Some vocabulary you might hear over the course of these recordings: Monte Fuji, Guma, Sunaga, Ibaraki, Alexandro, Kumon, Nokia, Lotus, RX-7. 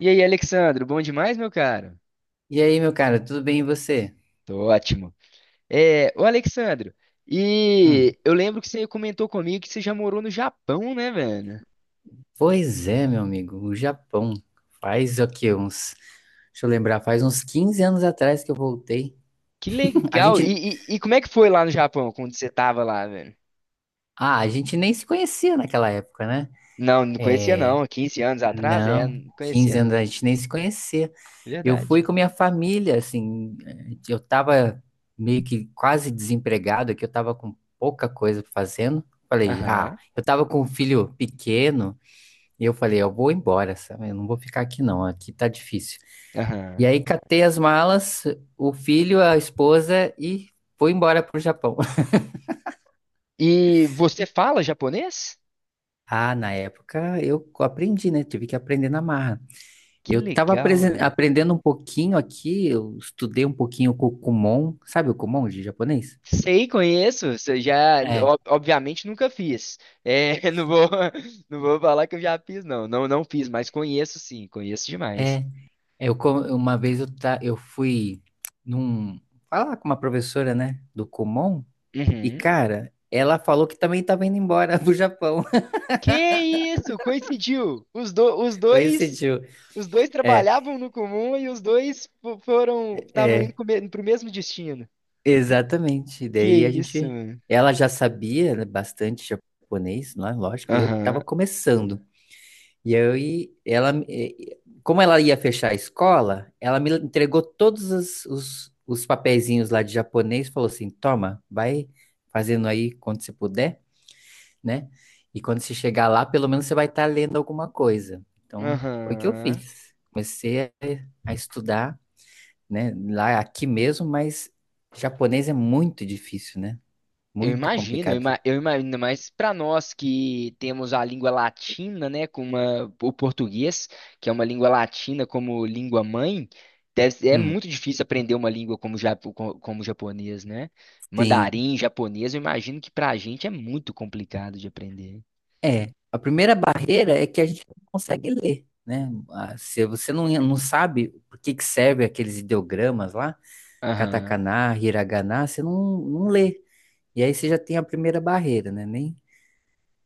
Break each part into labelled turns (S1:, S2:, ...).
S1: E aí, Alexandro, bom demais, meu caro?
S2: E aí, meu cara, tudo bem e você?
S1: Tô ótimo. É, ô Alexandro,
S2: Hum,
S1: e eu lembro que você comentou comigo que você já morou no Japão, né, velho?
S2: pois é, meu amigo, o Japão. Faz o quê? Uns. Deixa eu lembrar, faz uns 15 anos atrás que eu voltei.
S1: Que
S2: A
S1: legal! E,
S2: gente.
S1: e- e como é que foi lá no Japão, quando você tava lá, velho?
S2: Ah, a gente nem se conhecia naquela época, né?
S1: Não, não conhecia não. 15 anos atrás, é,
S2: Não,
S1: não
S2: 15
S1: conhecia
S2: anos a
S1: não.
S2: gente nem se conhecia. Eu fui
S1: Verdade.
S2: com minha família, assim. Eu tava meio que quase desempregado, que eu tava com pouca coisa fazendo. Falei, ah,
S1: Aham,
S2: eu tava com um filho pequeno. E eu falei, eu vou embora, sabe? Eu não vou ficar aqui não, aqui tá difícil. E
S1: aham.
S2: aí catei as malas, o filho, a esposa e fui embora pro Japão.
S1: E você fala japonês?
S2: Ah, na época eu aprendi, né? Tive que aprender na marra.
S1: Que
S2: Eu tava
S1: legal.
S2: aprendendo um pouquinho aqui, eu estudei um pouquinho com o Kumon, sabe o Kumon de japonês?
S1: Sei, conheço. Se Já,
S2: É,
S1: ob- Obviamente, nunca fiz. É, não vou falar que eu já fiz, não. Não, não fiz, mas conheço sim, conheço demais.
S2: é. Eu, uma vez eu, eu fui num, falar com uma professora, né, do Kumon, e
S1: Uhum.
S2: cara, ela falou que também tava indo embora pro Japão.
S1: Que isso? Coincidiu.
S2: Coincidiu.
S1: Os dois
S2: É,
S1: trabalhavam no comum e os dois foram, estavam indo
S2: é.
S1: para o mesmo destino.
S2: Exatamente. E
S1: Que
S2: Daí a
S1: isso,
S2: gente.
S1: mano?
S2: Ela já sabia, né, bastante japonês, não é? Lógico, e eu estava
S1: Aham,
S2: começando. Como ela ia fechar a escola, ela me entregou todos os papeizinhos lá de japonês, falou assim: toma, vai fazendo aí quando você puder, né? E quando você chegar lá, pelo menos você vai estar lendo alguma coisa. Então, foi o que eu
S1: aham.
S2: fiz. Comecei a estudar, né? Lá aqui mesmo, mas japonês é muito difícil, né?
S1: Eu
S2: Muito
S1: imagino, eu,
S2: complicado.
S1: ima- eu imagino, mas para nós que temos a língua latina, né, o português, que é uma língua latina como língua mãe, é
S2: Hum,
S1: muito difícil aprender uma língua como, como japonês, né?
S2: sim.
S1: Mandarim, japonês, eu imagino que para a gente é muito complicado de aprender.
S2: É. A primeira barreira é que a gente não consegue ler, né? Ah, se você não sabe por que que serve aqueles ideogramas lá,
S1: Aham,
S2: katakana, hiragana, você não lê. E aí você já tem a primeira barreira, né? Nem...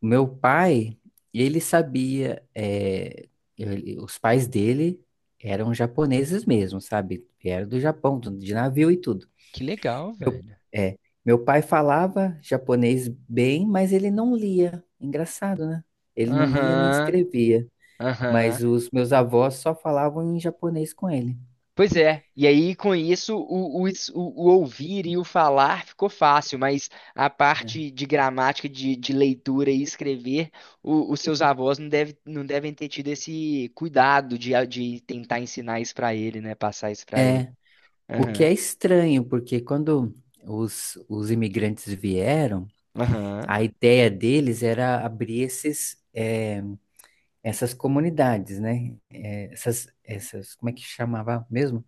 S2: O meu pai, ele sabia, é, os pais dele eram japoneses mesmo, sabe? Vieram do Japão, de navio e tudo.
S1: que legal,
S2: Meu,
S1: velho.
S2: é, meu pai falava japonês bem, mas ele não lia. Engraçado, né? Ele não lia nem
S1: Aham,
S2: escrevia.
S1: aham.
S2: Mas os meus avós só falavam em japonês com ele.
S1: Pois é, e aí com isso o ouvir e o falar ficou fácil, mas a
S2: É,
S1: parte de gramática, de leitura e escrever, os seus avós não, deve, não devem ter tido esse cuidado de, de tentar ensinar isso pra ele, né? Passar isso pra ele.
S2: É, o que
S1: Aham,
S2: é estranho, porque quando os imigrantes vieram,
S1: aham,
S2: a ideia deles era abrir essas comunidades, né? É, essas, como é que chamava mesmo?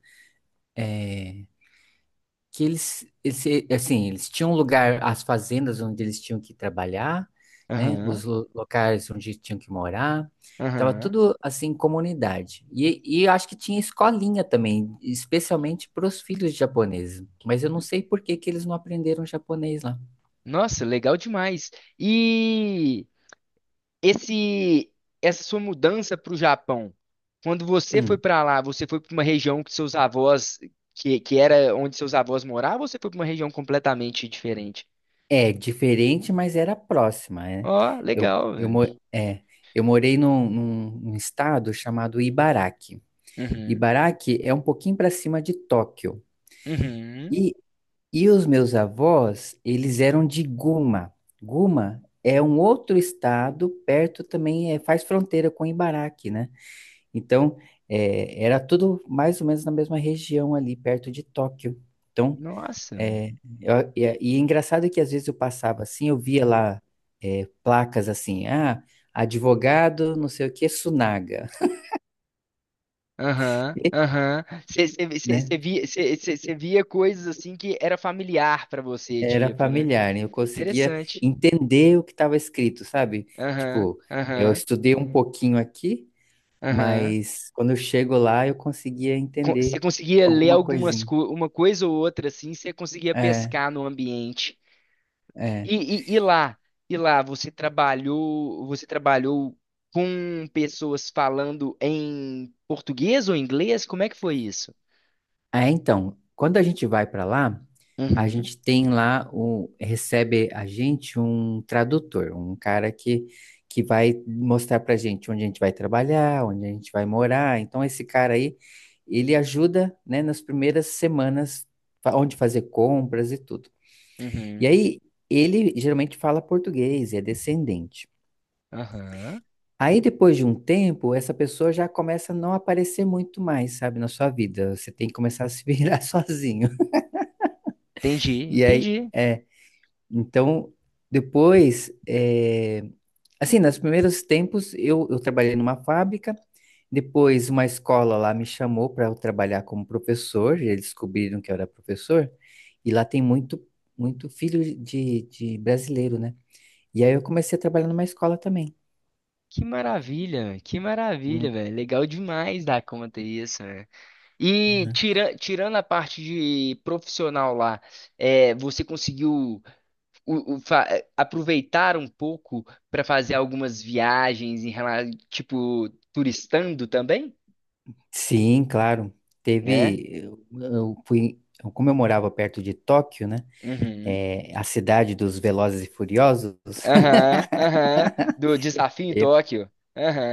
S2: É, que eles, assim, eles tinham um lugar, as fazendas onde eles tinham que trabalhar, né?
S1: aham,
S2: Os locais onde tinham que morar. Tava
S1: aham.
S2: tudo assim, em comunidade. E eu acho que tinha escolinha também, especialmente para os filhos japoneses. Mas eu não sei por que que eles não aprenderam japonês lá.
S1: Nossa, legal demais. E esse essa sua mudança para o Japão, quando você foi
S2: Hum.
S1: para lá, você foi para uma região que seus avós, que era onde seus avós moravam, ou você foi para uma região completamente diferente?
S2: É diferente, mas era próxima, né?
S1: Ó,
S2: Eu,
S1: legal,
S2: eu,
S1: velho.
S2: mo- é, eu morei num, num estado chamado Ibaraki.
S1: Uhum,
S2: Ibaraki é um pouquinho para cima de Tóquio.
S1: uhum.
S2: e E os meus avós, eles eram de Guma. Guma é um outro estado, perto também, é, faz fronteira com Ibaraki, né? Então, é, era tudo mais ou menos na mesma região ali, perto de Tóquio. Então,
S1: Nossa.
S2: é, e é engraçado que às vezes eu passava assim, eu via lá é, placas assim, ah, advogado, não sei o que, Sunaga,
S1: Aham, aham. Você
S2: né?
S1: via, cê via coisas assim que era familiar para você,
S2: Era
S1: tipo, né?
S2: familiar, né? Eu conseguia
S1: Interessante.
S2: entender o que estava escrito, sabe?
S1: Aham,
S2: Tipo, eu
S1: aham,
S2: estudei um pouquinho aqui,
S1: aham.
S2: mas quando eu chego lá eu conseguia
S1: Você
S2: entender
S1: conseguia ler
S2: alguma
S1: algumas
S2: coisinha.
S1: co uma coisa ou outra assim, você conseguia
S2: É,
S1: pescar no ambiente.
S2: é.
S1: E, e, e lá, e lá você trabalhou com pessoas falando em português ou inglês? Como é que foi isso?
S2: É, então, quando a gente vai para lá, a
S1: Uhum,
S2: gente tem lá o recebe a gente um tradutor, um cara que vai mostrar para a gente onde a gente vai trabalhar, onde a gente vai morar. Então, esse cara aí, ele ajuda, né, nas primeiras semanas onde fazer compras e tudo. E
S1: uhum,
S2: aí ele geralmente fala português, é descendente.
S1: aham.
S2: Aí depois de um tempo, essa pessoa já começa a não aparecer muito mais, sabe, na sua vida. Você tem que começar a se virar sozinho.
S1: Entendi,
S2: E aí,
S1: entendi.
S2: é, então, depois, é, assim, nos primeiros tempos, eu trabalhei numa fábrica, depois uma escola lá me chamou para eu trabalhar como professor, e eles descobriram que eu era professor, e lá tem muito filho de brasileiro, né? E aí eu comecei a trabalhar numa escola também.
S1: Que maravilha,
S2: Hum,
S1: velho. Legal demais dar conta isso, né? E
S2: né?
S1: tira, tirando a parte de profissional lá, é, você conseguiu aproveitar um pouco para fazer algumas viagens em relação, tipo, turistando também,
S2: Sim, claro.
S1: né?
S2: Teve, como eu morava perto de Tóquio, né?
S1: Uhum.
S2: É, a cidade dos Velozes e Furiosos,
S1: Aham, aham. Do desafio em Tóquio.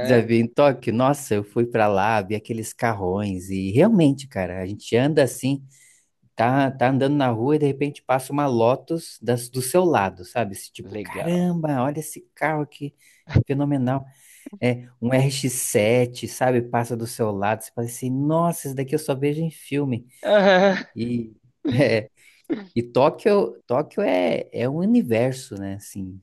S2: já vi em Tóquio, nossa, eu fui pra lá, vi aqueles carrões e realmente, cara, a gente anda assim, tá andando na rua e de repente passa uma Lotus das, do seu lado, sabe? Esse tipo,
S1: Legal.
S2: caramba, olha esse carro aqui, fenomenal. É um RX-7, sabe? Passa do seu lado, você fala assim, nossa, esse daqui eu só vejo em filme.
S1: Aham.
S2: E é, e Tóquio é um universo, né? Assim,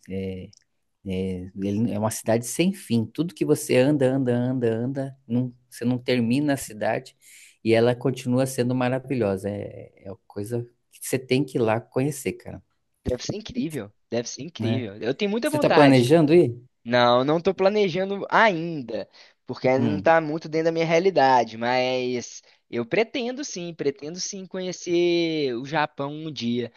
S2: é, ele é uma cidade sem fim. Tudo que você anda, anda, anda, anda, você não termina a cidade e ela continua sendo maravilhosa. É uma coisa que você tem que ir lá conhecer, cara,
S1: Deve ser incrível. Deve ser
S2: né?
S1: incrível. Eu tenho muita
S2: Você está
S1: vontade.
S2: planejando ir?
S1: Não, não tô planejando ainda, porque ainda não
S2: Hum,
S1: tá muito dentro da minha realidade, mas eu pretendo sim conhecer o Japão um dia.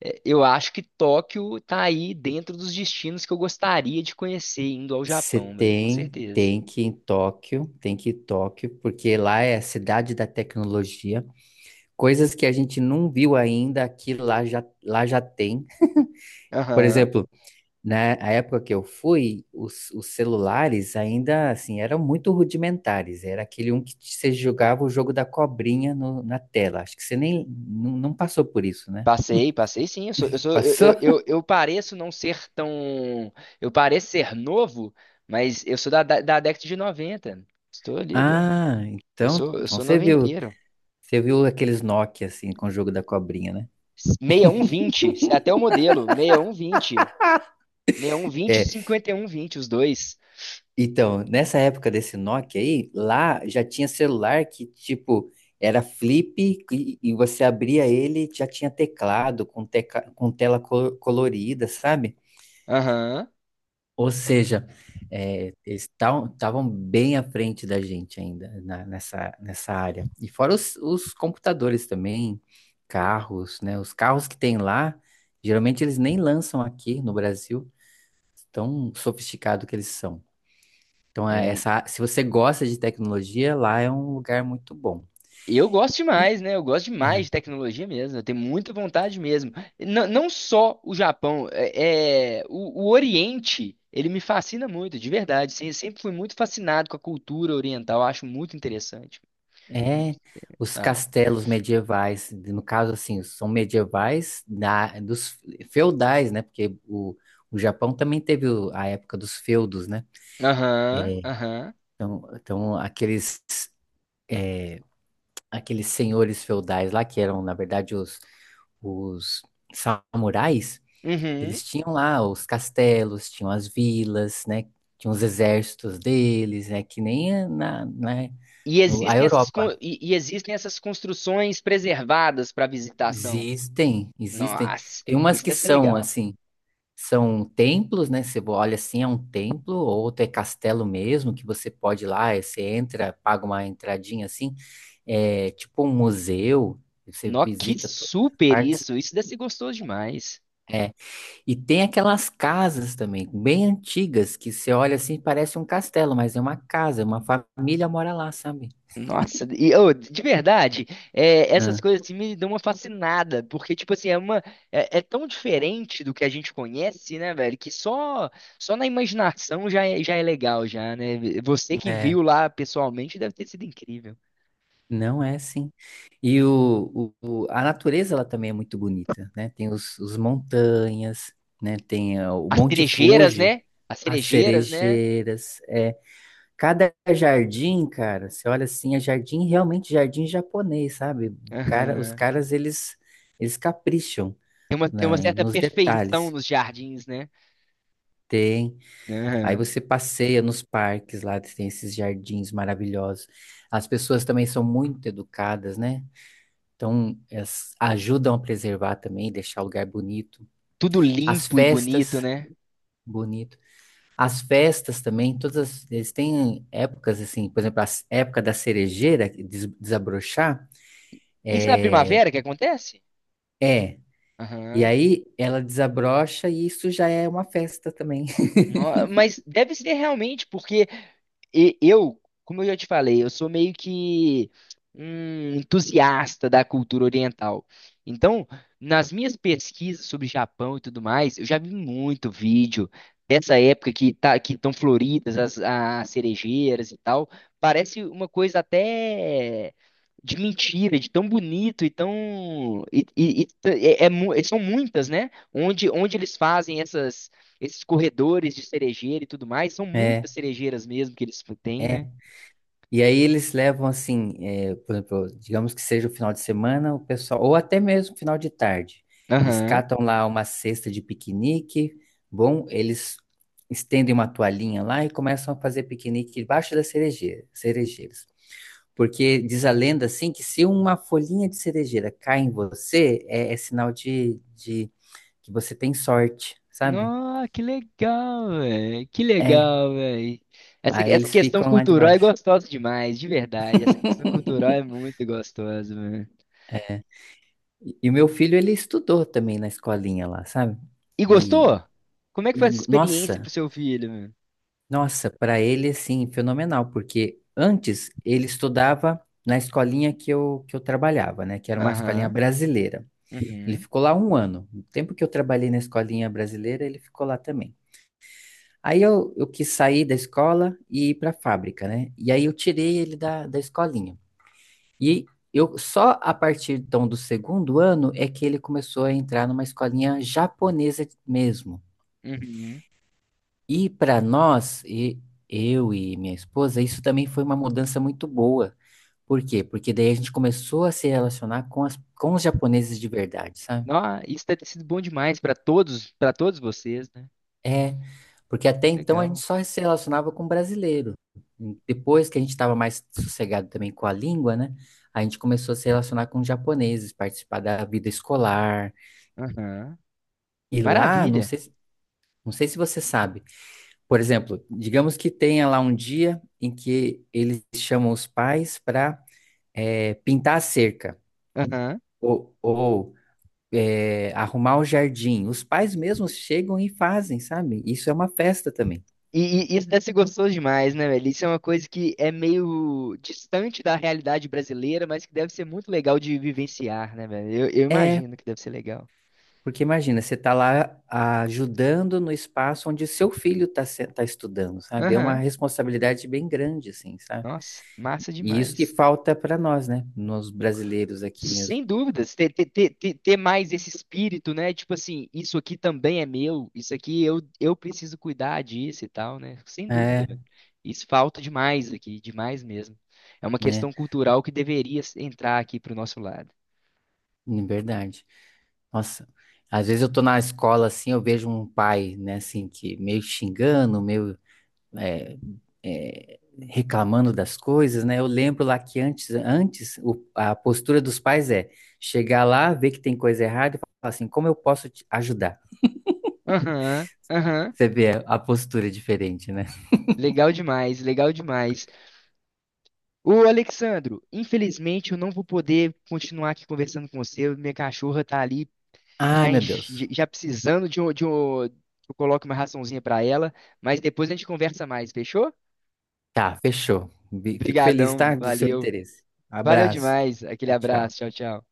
S1: É, eu acho que Tóquio tá aí dentro dos destinos que eu gostaria de conhecer indo ao
S2: você
S1: Japão, velho, com certeza.
S2: tem que ir em Tóquio, tem que ir em Tóquio, porque lá é a cidade da tecnologia. Coisas que a gente não viu ainda aqui lá já tem. Por
S1: Aham.
S2: exemplo, na época que eu fui, os celulares ainda assim eram muito rudimentares. Era aquele um que você jogava o jogo da cobrinha na tela. Acho que você nem não passou por isso, né?
S1: Passei, passei sim. Eu sou, eu sou,
S2: Passou?
S1: eu pareço não ser tão. Eu pareço ser novo, mas eu sou da década de 90. Estou ali, do,
S2: Ah,
S1: eu
S2: então
S1: sou noventeiro.
S2: você viu aqueles Nokia assim com o jogo da cobrinha, né?
S1: 6120, é até o modelo. 6120, 6120 e um vinte e
S2: É,
S1: 5120, os dois.
S2: então, nessa época desse Nokia aí, lá já tinha celular que tipo era flip e você abria ele, já tinha teclado com tela colorida, sabe?
S1: Aham.
S2: Ou seja, é, eles estavam bem à frente da gente ainda nessa, nessa área. E fora os computadores também, carros, né? Os carros que tem lá, geralmente eles nem lançam aqui no Brasil, tão sofisticado que eles são. Então, é essa, se você gosta de tecnologia, lá é um lugar muito bom.
S1: Eu gosto demais, né? Eu gosto demais de tecnologia mesmo. Eu tenho muita vontade mesmo. Não, não só o Japão, o Oriente, ele me fascina muito, de verdade. Sim, eu sempre fui muito fascinado com a cultura oriental. Eu acho muito interessante.
S2: É, os
S1: Ah,
S2: castelos medievais, no caso, assim, são medievais da, dos feudais, né? Porque o Japão também teve a época dos feudos, né?
S1: aham,
S2: É,
S1: aham,
S2: então, aqueles senhores feudais lá, que eram, na verdade, os samurais,
S1: uhum.
S2: eles tinham lá os castelos, tinham as vilas, né? Tinham os exércitos deles, né? Que nem na,
S1: E
S2: a
S1: existem essas,
S2: Europa.
S1: e existem essas construções preservadas para visitação.
S2: Existem, existem.
S1: Nossa,
S2: Tem umas
S1: isso
S2: que
S1: deve ser
S2: são
S1: legal.
S2: assim, são templos, né? Você olha assim, é um templo, outro é castelo mesmo, que você pode ir lá, aí você entra, paga uma entradinha assim, é tipo um museu, você
S1: Nó, que
S2: visita todas as
S1: super
S2: partes.
S1: isso! Isso deve ser gostoso demais.
S2: É. E tem aquelas casas também, bem antigas, que você olha assim, parece um castelo, mas é uma casa, uma família mora lá, sabe?
S1: Nossa, e ô, de verdade, é, essas
S2: Ah.
S1: coisas assim me dão uma fascinada, porque tipo assim, é uma é, é tão diferente do que a gente conhece, né, velho, que só na imaginação já é legal já, né? Você que
S2: É.
S1: viu lá pessoalmente deve ter sido incrível.
S2: Não é assim. E a natureza ela também é muito bonita, né? Tem os montanhas, né? Tem ah, o
S1: As
S2: Monte
S1: cerejeiras,
S2: Fuji,
S1: né? As
S2: as
S1: cerejeiras, né?
S2: cerejeiras. É. Cada jardim, cara, você olha assim, é jardim, realmente jardim japonês, sabe? O cara, os
S1: Aham.
S2: caras, eles capricham
S1: Tem uma certa
S2: nos
S1: perfeição
S2: detalhes.
S1: nos jardins, né?
S2: Tem. Aí
S1: Aham.
S2: você passeia nos parques lá, tem esses jardins maravilhosos. As pessoas também são muito educadas, né? Então, elas ajudam a preservar também, deixar o lugar bonito.
S1: Tudo
S2: As
S1: limpo e bonito,
S2: festas,
S1: né?
S2: bonito. As festas também, eles têm épocas assim, por exemplo, a época da cerejeira que desabrochar
S1: Isso é na
S2: é,
S1: primavera que acontece?
S2: é. E
S1: Aham.
S2: aí ela desabrocha e isso já é uma festa também.
S1: Mas deve ser realmente, porque eu, como eu já te falei, eu sou meio que um entusiasta da cultura oriental. Então, nas minhas pesquisas sobre Japão e tudo mais, eu já vi muito vídeo dessa época que tá, que estão floridas as, as cerejeiras e tal. Parece uma coisa até de mentira, de tão bonito e tão e é- é mu- são muitas, né? Onde eles fazem essas esses corredores de cerejeira e tudo mais, são muitas cerejeiras mesmo que eles têm, né?
S2: É. E aí eles levam assim, por exemplo, digamos que seja o final de semana, o pessoal, ou até mesmo final de tarde, eles
S1: Aham.
S2: catam lá uma cesta de piquenique, bom, eles estendem uma toalhinha lá e começam a fazer piquenique debaixo das cerejeiras. Porque diz a lenda assim que se uma folhinha de cerejeira cai em você, é sinal de que você tem sorte, sabe?
S1: Nossa, que legal, velho. Que
S2: É,
S1: legal, velho.
S2: aí
S1: Essa
S2: eles
S1: questão
S2: ficam lá
S1: cultural é
S2: debaixo.
S1: gostosa demais, de verdade. Essa questão cultural é muito gostosa, mano.
S2: E o meu filho, ele estudou também na escolinha lá, sabe?
S1: E gostou?
S2: E,
S1: Como é que foi essa experiência pro
S2: nossa,
S1: seu filho, mano?
S2: nossa, para ele, assim, fenomenal, porque antes ele estudava na escolinha que eu trabalhava, né? Que era uma escolinha
S1: Aham.
S2: brasileira. Ele
S1: Uhum.
S2: ficou lá um ano. No tempo que eu trabalhei na escolinha brasileira, ele ficou lá também. Aí eu quis sair da escola e ir para a fábrica, né? E aí eu tirei ele da escolinha. E eu só a partir então do 2º ano é que ele começou a entrar numa escolinha japonesa mesmo.
S1: Uhum.
S2: E para nós, eu e minha esposa, isso também foi uma mudança muito boa. Por quê? Porque daí a gente começou a se relacionar com com os japoneses de verdade, sabe?
S1: Nó, isso deve ter sido bom demais para todos vocês, né?
S2: É, porque até então a gente
S1: Legal.
S2: só se relacionava com brasileiro. Depois que a gente estava mais sossegado também com a língua, né? A gente começou a se relacionar com japoneses, participar da vida escolar.
S1: Aham.
S2: E lá, não
S1: Maravilha.
S2: sei, Não sei se você sabe. Por exemplo, digamos que tenha lá um dia em que eles chamam os pais para pintar a cerca
S1: Aham.
S2: ou, ou, arrumar o jardim. Os pais mesmos chegam e fazem, sabe? Isso é uma festa também.
S1: E isso deve ser gostoso demais, né, velho? Isso é uma coisa que é meio distante da realidade brasileira, mas que deve ser muito legal de vivenciar, né, velho? Eu
S2: É,
S1: imagino que deve ser legal.
S2: porque imagina, você está lá ajudando no espaço onde seu filho está tá estudando, sabe? É uma
S1: Aham,
S2: responsabilidade bem grande, assim, sabe?
S1: nossa, massa
S2: E isso que
S1: demais.
S2: falta para nós, né? Nos brasileiros aqui mesmo.
S1: Sem dúvidas, ter mais esse espírito, né? Tipo assim, isso aqui também é meu, isso aqui eu preciso cuidar disso e tal, né? Sem dúvida,
S2: É,
S1: velho. Isso falta demais aqui, demais mesmo. É uma
S2: né?
S1: questão cultural que deveria entrar aqui pro nosso lado.
S2: Verdade. Nossa, às vezes eu tô na escola assim, eu vejo um pai, né, assim, que meio xingando, é, é, reclamando das coisas, né? Eu lembro lá que antes, antes a postura dos pais é chegar lá, ver que tem coisa errada e falar assim, como eu posso te ajudar?
S1: Aham, aham.
S2: Você vê a postura diferente, né?
S1: Legal demais, legal demais. Ô, Alexandro, infelizmente eu não vou poder continuar aqui conversando com você. Minha cachorra tá ali
S2: Ai,
S1: já,
S2: meu Deus.
S1: já precisando de um, que eu coloque uma raçãozinha pra ela, mas depois a gente conversa mais, fechou?
S2: Tá, fechou. Fico feliz, tá,
S1: Obrigadão,
S2: do seu
S1: valeu.
S2: interesse.
S1: Valeu
S2: Abraço.
S1: demais. Aquele
S2: Tchau,
S1: abraço,
S2: tchau.
S1: tchau, tchau.